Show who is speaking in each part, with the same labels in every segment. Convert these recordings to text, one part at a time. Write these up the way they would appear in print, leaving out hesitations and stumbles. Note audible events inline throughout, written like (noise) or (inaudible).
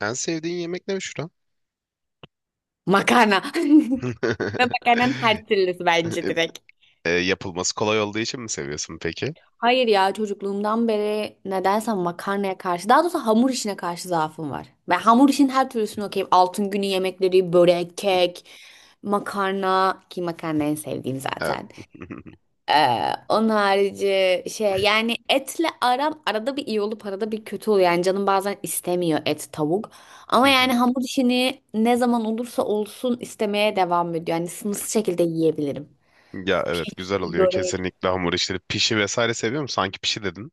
Speaker 1: En sevdiğin yemek ne Büşra?
Speaker 2: Makarna. (laughs) Ve
Speaker 1: (laughs)
Speaker 2: makarnanın her türlüsü bence direkt.
Speaker 1: Yapılması kolay olduğu için mi seviyorsun peki?
Speaker 2: Hayır ya, çocukluğumdan beri nedense makarnaya karşı, daha doğrusu hamur işine karşı zaafım var. Ben hamur işin her türlüsünü okeyim. Altın günü yemekleri, börek, kek, makarna ki makarna en sevdiğim
Speaker 1: Evet.
Speaker 2: zaten. Onun harici şey, yani etle aram arada bir iyi olup arada bir kötü oluyor. Yani canım bazen istemiyor, et, tavuk. Ama yani
Speaker 1: (laughs)
Speaker 2: hamur işini ne zaman olursa olsun istemeye devam ediyor. Yani sınırsız şekilde yiyebilirim.
Speaker 1: Ya evet güzel
Speaker 2: Pişi,
Speaker 1: oluyor
Speaker 2: börek.
Speaker 1: kesinlikle hamur işleri. Pişi vesaire seviyor musun? Sanki pişi dedin.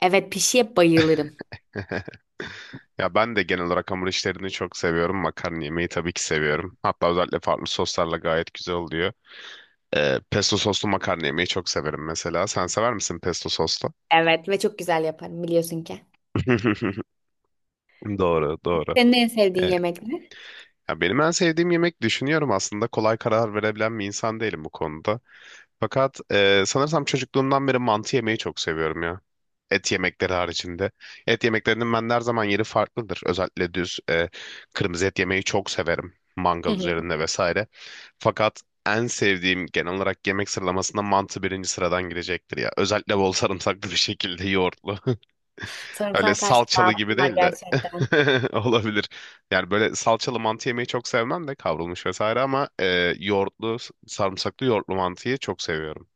Speaker 2: Evet, pişiye bayılırım.
Speaker 1: (laughs) Ya ben de genel olarak hamur işlerini çok seviyorum. Makarna yemeği tabii ki seviyorum. Hatta özellikle farklı soslarla gayet güzel oluyor. Pesto soslu makarna yemeği çok severim mesela. Sen sever misin pesto soslu?
Speaker 2: Evet, ve çok güzel yaparım biliyorsun ki.
Speaker 1: (laughs) Doğru, doğru.
Speaker 2: Senin en sevdiğin yemek ne?
Speaker 1: Ya benim en sevdiğim yemek düşünüyorum, aslında kolay karar verebilen bir insan değilim bu konuda. Fakat sanırsam çocukluğumdan beri mantı yemeyi çok seviyorum ya. Et yemekleri haricinde. Et yemeklerinin bende her zaman yeri farklıdır. Özellikle düz kırmızı et yemeyi çok severim.
Speaker 2: Hı
Speaker 1: Mangal
Speaker 2: hı.
Speaker 1: üzerinde vesaire. Fakat en sevdiğim, genel olarak yemek sıralamasında mantı birinci sıradan girecektir ya. Özellikle bol sarımsaklı bir şekilde yoğurtlu. (laughs) Öyle
Speaker 2: Sarımsağa karşı
Speaker 1: salçalı gibi
Speaker 2: zaafım var
Speaker 1: değil de
Speaker 2: gerçekten.
Speaker 1: (laughs) olabilir. Yani böyle salçalı mantı yemeyi çok sevmem de, kavrulmuş vesaire ama yoğurtlu, sarımsaklı yoğurtlu mantıyı çok seviyorum.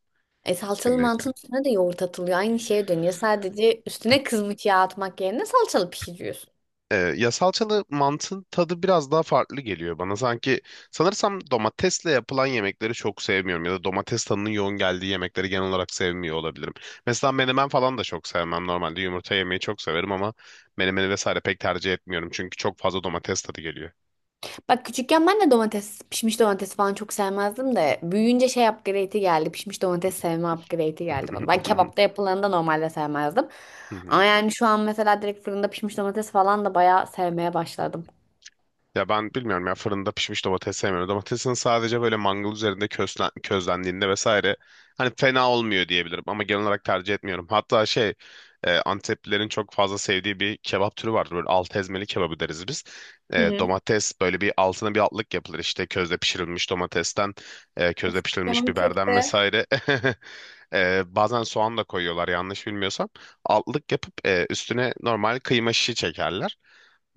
Speaker 2: E, salçalı mantının üstüne de yoğurt atılıyor. Aynı şeye dönüyor. Sadece üstüne kızmış yağ atmak yerine salçalı pişiriyorsun.
Speaker 1: Ya salçalı mantın tadı biraz daha farklı geliyor bana. Sanki sanırsam domatesle yapılan yemekleri çok sevmiyorum ya da domates tadının yoğun geldiği yemekleri genel olarak sevmiyor olabilirim. Mesela menemen falan da çok sevmem. Normalde yumurta yemeyi çok severim ama menemeni vesaire pek tercih etmiyorum çünkü çok fazla domates tadı geliyor.
Speaker 2: Bak, küçükken ben de domates, pişmiş domates falan çok sevmezdim de büyüyünce şey, upgrade'i geldi. Pişmiş domates sevme upgrade'i geldi bana. Ben
Speaker 1: (laughs)
Speaker 2: kebapta yapılanı da normalde sevmezdim. Ama yani şu an mesela direkt fırında pişmiş domates falan da bayağı sevmeye başladım.
Speaker 1: Ya ben bilmiyorum ya, fırında pişmiş domates sevmiyorum. Domatesin sadece böyle mangal üzerinde közlendiğinde vesaire hani fena olmuyor diyebilirim ama genel olarak tercih etmiyorum. Hatta şey Anteplilerin çok fazla sevdiği bir kebap türü vardır. Böyle alt ezmeli kebabı deriz biz.
Speaker 2: Hı hı.
Speaker 1: Domates böyle bir altına bir altlık yapılır, işte közde pişirilmiş domatesten, közde
Speaker 2: Uf,
Speaker 1: pişirilmiş
Speaker 2: canım
Speaker 1: biberden
Speaker 2: çekti.
Speaker 1: vesaire. (laughs) Bazen soğan da koyuyorlar yanlış bilmiyorsam. Altlık yapıp üstüne normal kıyma şişi çekerler.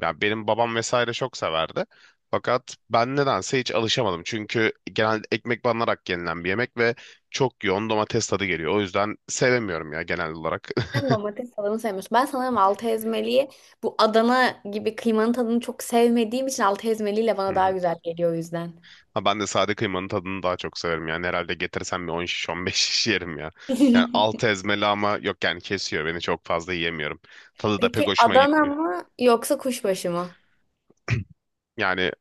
Speaker 1: Yani benim babam vesaire çok severdi. Fakat ben nedense hiç alışamadım. Çünkü genelde ekmek banarak yenilen bir yemek ve çok yoğun domates tadı geliyor. O yüzden sevemiyorum ya genel olarak.
Speaker 2: Sen domates tadını sevmiyorsun. Ben sanırım altı ezmeliyi, bu Adana gibi kıymanın tadını çok sevmediğim için altı ezmeliyle
Speaker 1: (laughs) Hı
Speaker 2: bana daha
Speaker 1: hı.
Speaker 2: güzel geliyor o yüzden.
Speaker 1: Ha ben de sade kıymanın tadını daha çok severim. Yani herhalde getirsem bir 10 şiş 15 şiş yerim ya. Yani
Speaker 2: (laughs)
Speaker 1: altı ezmeli, ama yok yani kesiyor beni, çok fazla yiyemiyorum. Tadı da pek
Speaker 2: Peki
Speaker 1: hoşuma
Speaker 2: Adana
Speaker 1: gitmiyor.
Speaker 2: mı yoksa kuşbaşı mı?
Speaker 1: Yani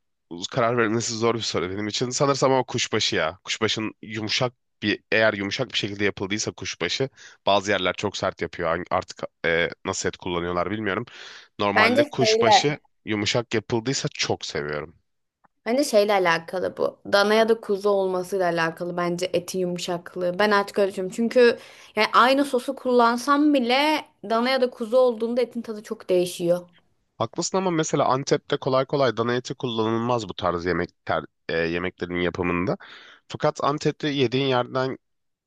Speaker 1: karar verilmesi zor bir soru benim için. Sanırsam ama kuşbaşı ya. Kuşbaşın yumuşak bir, eğer yumuşak bir şekilde yapıldıysa kuşbaşı, bazı yerler çok sert yapıyor. Artık nasıl et kullanıyorlar bilmiyorum. Normalde
Speaker 2: Bence şeyle,
Speaker 1: kuşbaşı yumuşak yapıldıysa çok seviyorum.
Speaker 2: Bence şeyle alakalı bu. Dana ya da kuzu olmasıyla alakalı bence etin yumuşaklığı. Ben artık öyle düşünüyorum. Çünkü yani aynı sosu kullansam bile dana ya da kuzu olduğunda etin tadı çok değişiyor.
Speaker 1: Haklısın ama mesela Antep'te kolay kolay dana eti kullanılmaz bu tarz yemeklerin yapımında. Fakat Antep'te yediğin yerden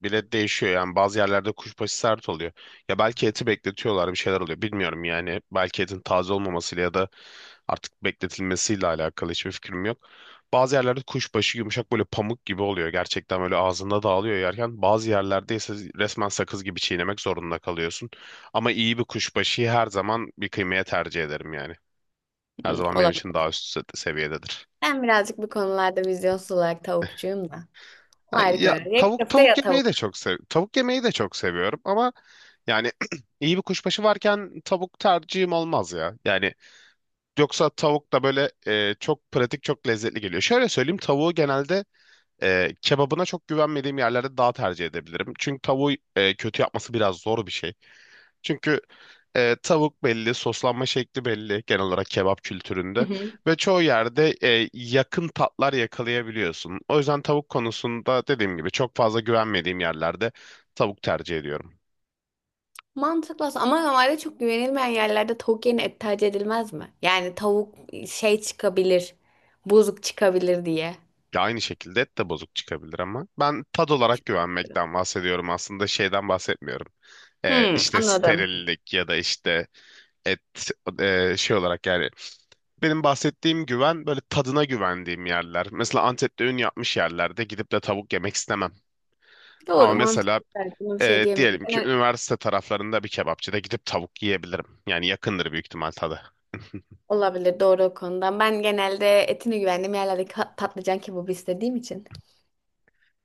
Speaker 1: bile değişiyor. Yani bazı yerlerde kuşbaşı sert oluyor. Ya belki eti bekletiyorlar, bir şeyler oluyor. Bilmiyorum yani. Belki etin taze olmamasıyla ya da artık bekletilmesiyle alakalı hiçbir fikrim yok. Bazı yerlerde kuşbaşı yumuşak, böyle pamuk gibi oluyor. Gerçekten böyle ağzında dağılıyor yerken. Bazı yerlerde ise resmen sakız gibi çiğnemek zorunda kalıyorsun. Ama iyi bir kuşbaşıyı her zaman bir kıymaya tercih ederim yani. Her
Speaker 2: Hmm,
Speaker 1: zaman benim için daha
Speaker 2: olabilir.
Speaker 1: üst seviyededir.
Speaker 2: Ben birazcık bu konularda vizyonsuz olarak tavukçuyum da. O
Speaker 1: Ha,
Speaker 2: ayrı,
Speaker 1: ya
Speaker 2: köfte. Ya köfte ya tavuk.
Speaker 1: tavuk yemeyi de çok seviyorum ama yani (clears throat) iyi bir kuşbaşı varken tavuk tercihim olmaz ya. Yani yoksa tavuk da böyle çok pratik, çok lezzetli geliyor. Şöyle söyleyeyim, tavuğu genelde kebabına çok güvenmediğim yerlerde daha tercih edebilirim. Çünkü tavuğu kötü yapması biraz zor bir şey. Çünkü tavuk belli, soslanma şekli belli genel olarak kebap
Speaker 2: Hı
Speaker 1: kültüründe
Speaker 2: hı.
Speaker 1: ve çoğu yerde yakın tatlar yakalayabiliyorsun. O yüzden tavuk konusunda dediğim gibi çok fazla güvenmediğim yerlerde tavuk tercih ediyorum.
Speaker 2: Mantıklı aslında. Ama normalde çok güvenilmeyen yerlerde tavuk yerine et tercih edilmez mi? Yani tavuk şey çıkabilir, bozuk çıkabilir diye.
Speaker 1: Ya aynı şekilde et de bozuk çıkabilir ama ben tad olarak güvenmekten bahsediyorum aslında, şeyden bahsetmiyorum.
Speaker 2: Hmm,
Speaker 1: İşte
Speaker 2: anladım.
Speaker 1: sterillik ya da işte et şey olarak yani benim bahsettiğim güven, böyle tadına güvendiğim yerler. Mesela Antep'te ün yapmış yerlerde gidip de tavuk yemek istemem. Ama
Speaker 2: Doğru,
Speaker 1: mesela
Speaker 2: mantıklı belki. Buna bir şey diyemiyorum.
Speaker 1: diyelim ki
Speaker 2: Yani
Speaker 1: üniversite taraflarında bir kebapçıda gidip tavuk yiyebilirim. Yani yakındır büyük ihtimal tadı. (laughs)
Speaker 2: olabilir, doğru o konuda. Ben genelde etine güvendiğim yerlerde patlıcan kebabı istediğim için.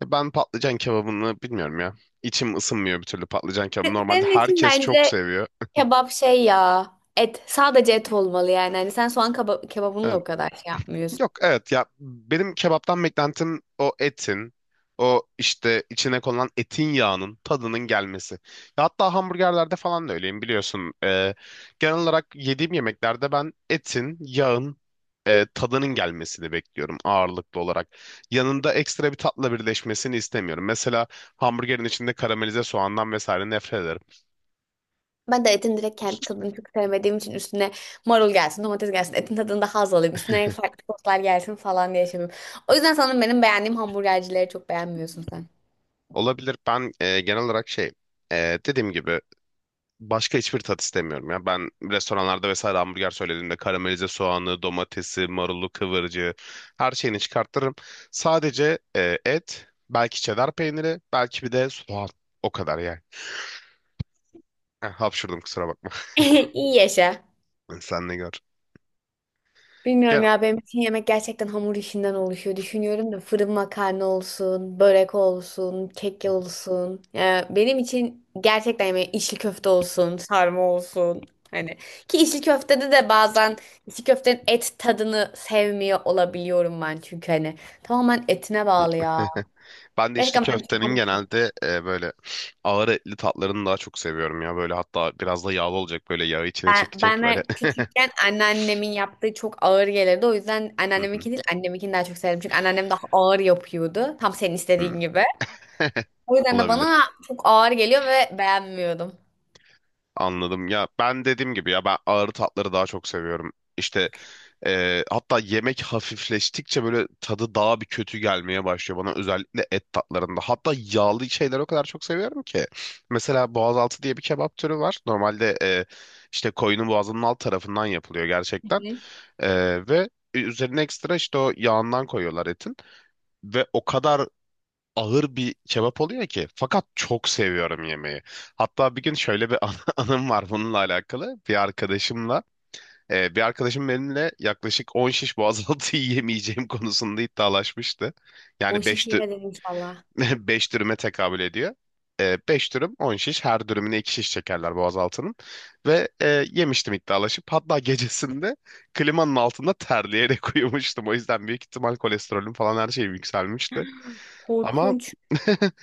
Speaker 1: Ben patlıcan kebabını bilmiyorum ya. İçim ısınmıyor bir türlü patlıcan kebabı. Normalde
Speaker 2: Senin için
Speaker 1: herkes çok
Speaker 2: bence
Speaker 1: seviyor.
Speaker 2: kebap şey ya. Et. Sadece et olmalı yani. Hani sen soğan kebabını da
Speaker 1: Evet.
Speaker 2: o kadar şey yapmıyorsun.
Speaker 1: Yok evet ya, benim kebaptan beklentim o etin, o işte içine konulan etin yağının tadının gelmesi. Ya hatta hamburgerlerde falan da öyleyim biliyorsun. Genel olarak yediğim yemeklerde ben etin, yağın tadının gelmesini bekliyorum ağırlıklı olarak. Yanında ekstra bir tatla birleşmesini istemiyorum. Mesela hamburgerin içinde karamelize soğandan vesaire nefret ederim.
Speaker 2: Ben de etin direkt kendi tadını çok sevmediğim için üstüne marul gelsin, domates gelsin, etin tadında haz alayım, üstüne farklı soslar gelsin falan diye şey yapıyorum. O yüzden sanırım benim beğendiğim hamburgercileri çok beğenmiyorsun sen.
Speaker 1: Olabilir, ben genel olarak şey dediğim gibi başka hiçbir tat istemiyorum ya. Ben restoranlarda vesaire hamburger söylediğimde karamelize soğanı, domatesi, marulu, kıvırcığı, her şeyini çıkartırım. Sadece et, belki çedar peyniri, belki bir de soğan. O kadar yani. Heh, hapşurdum, kusura bakma.
Speaker 2: (laughs) İyi yaşa.
Speaker 1: (laughs) Sen ne gör.
Speaker 2: Bilmiyorum
Speaker 1: Gel.
Speaker 2: ya, benim için yemek gerçekten hamur işinden oluşuyor. Düşünüyorum da fırın makarna olsun, börek olsun, kek olsun. Benim için gerçekten yemek içli köfte olsun, sarma olsun. Hani ki içli köftede de bazen içli köftenin et tadını sevmiyor olabiliyorum ben, çünkü hani tamamen etine bağlı ya.
Speaker 1: (laughs) Ben de içli
Speaker 2: Gerçekten benim için
Speaker 1: köftenin
Speaker 2: hamur işi.
Speaker 1: genelde böyle ağır etli tatlarını daha çok seviyorum ya. Böyle hatta biraz da yağlı olacak, böyle yağı içine çekecek
Speaker 2: Bana
Speaker 1: böyle. (laughs)
Speaker 2: küçükken anneannemin yaptığı çok ağır gelirdi. O yüzden
Speaker 1: Hı hı,
Speaker 2: anneanneminki değil annemkini daha çok sevdim. Çünkü anneannem daha ağır yapıyordu. Tam senin
Speaker 1: hı.
Speaker 2: istediğin gibi.
Speaker 1: (laughs)
Speaker 2: O yüzden de
Speaker 1: Olabilir.
Speaker 2: bana çok ağır geliyor ve beğenmiyordum.
Speaker 1: Anladım ya, ben dediğim gibi, ya ben ağır tatları daha çok seviyorum. İşte hatta yemek hafifleştikçe böyle tadı daha bir kötü gelmeye başlıyor bana, özellikle et tatlarında. Hatta yağlı şeyleri o kadar çok seviyorum ki. Mesela boğazaltı diye bir kebap türü var. Normalde işte koyunun boğazının alt tarafından yapılıyor gerçekten.
Speaker 2: Hı.
Speaker 1: Ve üzerine ekstra işte o yağından koyuyorlar etin. Ve o kadar ağır bir kebap oluyor ki. Fakat çok seviyorum yemeği. Hatta bir gün şöyle bir (laughs) anım var bununla alakalı. Bir arkadaşım benimle yaklaşık 10 şiş boğazaltı (laughs) yiyemeyeceğim konusunda iddialaşmıştı.
Speaker 2: O
Speaker 1: Yani
Speaker 2: işe
Speaker 1: 5,
Speaker 2: şivedir inşallah.
Speaker 1: 5 (laughs) dürüme tekabül ediyor. 5 dürüm 10 şiş, her dürümüne 2 şiş çekerler boğazaltının ve yemiştim iddialaşıp, hatta gecesinde klimanın altında terleyerek (laughs) uyumuştum, o yüzden büyük ihtimal kolesterolüm falan her şeyim yükselmişti ama.
Speaker 2: Korkunç.
Speaker 1: (laughs)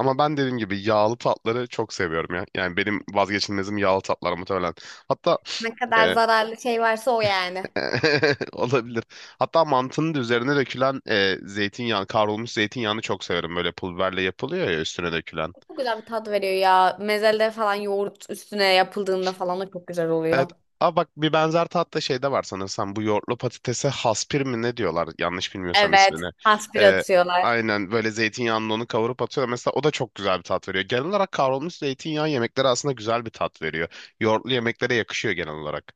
Speaker 1: Ama ben dediğim gibi yağlı tatları çok seviyorum ya. Yani benim vazgeçilmezim yağlı tatlar muhtemelen. Hatta
Speaker 2: Ne kadar
Speaker 1: e,
Speaker 2: zararlı şey varsa o yani.
Speaker 1: (laughs) olabilir. Hatta mantının da üzerine dökülen zeytinyağı, kavrulmuş zeytinyağını çok severim. Böyle pul biberle yapılıyor ya üstüne dökülen.
Speaker 2: Çok güzel bir tat veriyor ya. Mezelde falan yoğurt üstüne yapıldığında falan da çok güzel oluyor.
Speaker 1: Evet. Aa bak, bir benzer tatlı şey de var sanırsam. Bu yoğurtlu patatese haspir mi ne diyorlar yanlış bilmiyorsam
Speaker 2: Evet.
Speaker 1: ismini.
Speaker 2: Hasbir
Speaker 1: Ee,
Speaker 2: atıyorlar.
Speaker 1: aynen böyle zeytinyağının onu kavurup atıyor. Mesela o da çok güzel bir tat veriyor. Genel olarak kavrulmuş zeytinyağı yemeklere aslında güzel bir tat veriyor. Yoğurtlu yemeklere yakışıyor genel olarak.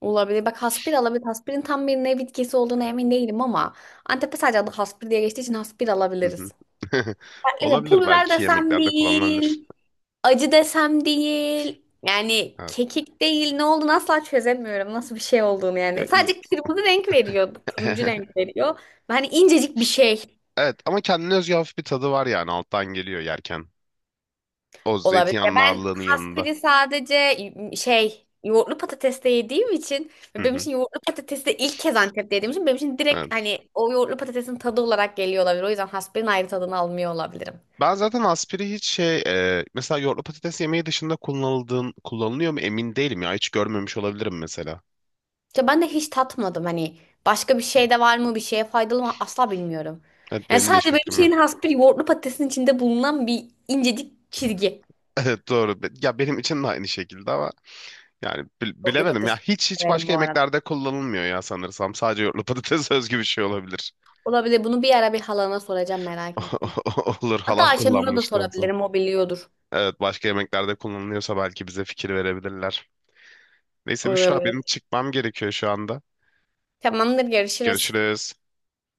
Speaker 2: Olabilir. Bak, haspir alabilir. Haspirin tam bir ne bitkisi olduğuna emin değilim ama Antep'te sadece adı haspir diye geçtiği için haspir
Speaker 1: Hı hı.
Speaker 2: alabiliriz.
Speaker 1: (laughs)
Speaker 2: Farklı da,
Speaker 1: Olabilir,
Speaker 2: pul biber
Speaker 1: belki
Speaker 2: desem
Speaker 1: yemeklerde kullanılabilir.
Speaker 2: değil, acı desem değil. Yani
Speaker 1: Evet.
Speaker 2: kekik değil, ne olduğunu asla çözemiyorum. Nasıl bir şey olduğunu
Speaker 1: Ya,
Speaker 2: yani. Sadece kırmızı renk veriyor. Turuncu renk
Speaker 1: (laughs)
Speaker 2: veriyor. Hani incecik bir şey,
Speaker 1: evet ama kendine özgü hafif bir tadı var, yani alttan geliyor yerken. O
Speaker 2: olabilir. Ya
Speaker 1: zeytinyağının
Speaker 2: ben
Speaker 1: ağırlığının yanında.
Speaker 2: kasperi sadece şey, yoğurtlu patatesle yediğim için
Speaker 1: Hı
Speaker 2: ve benim
Speaker 1: hı.
Speaker 2: için yoğurtlu patatesi de ilk kez Antep'te yediğim için, benim için direkt
Speaker 1: Evet.
Speaker 2: hani o yoğurtlu patatesin tadı olarak geliyor olabilir. O yüzden hasperin ayrı tadını almıyor olabilirim.
Speaker 1: Ben zaten aspiri hiç şey, mesela yoğurtlu patates yemeği dışında kullanılıyor mu emin değilim ya, hiç görmemiş olabilirim mesela.
Speaker 2: İşte ben de hiç tatmadım, hani başka bir
Speaker 1: Hı.
Speaker 2: şey de var mı, bir şeye faydalı mı asla bilmiyorum.
Speaker 1: Evet,
Speaker 2: Yani
Speaker 1: benim de
Speaker 2: sadece
Speaker 1: hiçbir
Speaker 2: benim
Speaker 1: fikrim
Speaker 2: şeyin,
Speaker 1: yok.
Speaker 2: has bir yoğurtlu patatesin içinde bulunan bir incecik çizgi.
Speaker 1: (laughs) Evet, doğru. Ya benim için de aynı şekilde ama yani
Speaker 2: Yoğurtlu
Speaker 1: bilemedim ya,
Speaker 2: patates
Speaker 1: hiç hiç
Speaker 2: severim
Speaker 1: başka
Speaker 2: bu arada.
Speaker 1: yemeklerde kullanılmıyor ya sanırsam. Sadece yoğurtlu patates (laughs) özgü bir şey olabilir.
Speaker 2: Olabilir, bunu bir ara bir halana soracağım, merak ettim.
Speaker 1: (laughs) Olur,
Speaker 2: Hatta
Speaker 1: halam
Speaker 2: Ayşenur'a da
Speaker 1: kullanmıştan sonra.
Speaker 2: sorabilirim, o biliyordur.
Speaker 1: Evet, başka yemeklerde kullanılıyorsa belki bize fikir verebilirler. Neyse Büşra, benim
Speaker 2: Olabilir.
Speaker 1: çıkmam gerekiyor şu anda.
Speaker 2: Tamamdır, görüşürüz.
Speaker 1: Görüşürüz.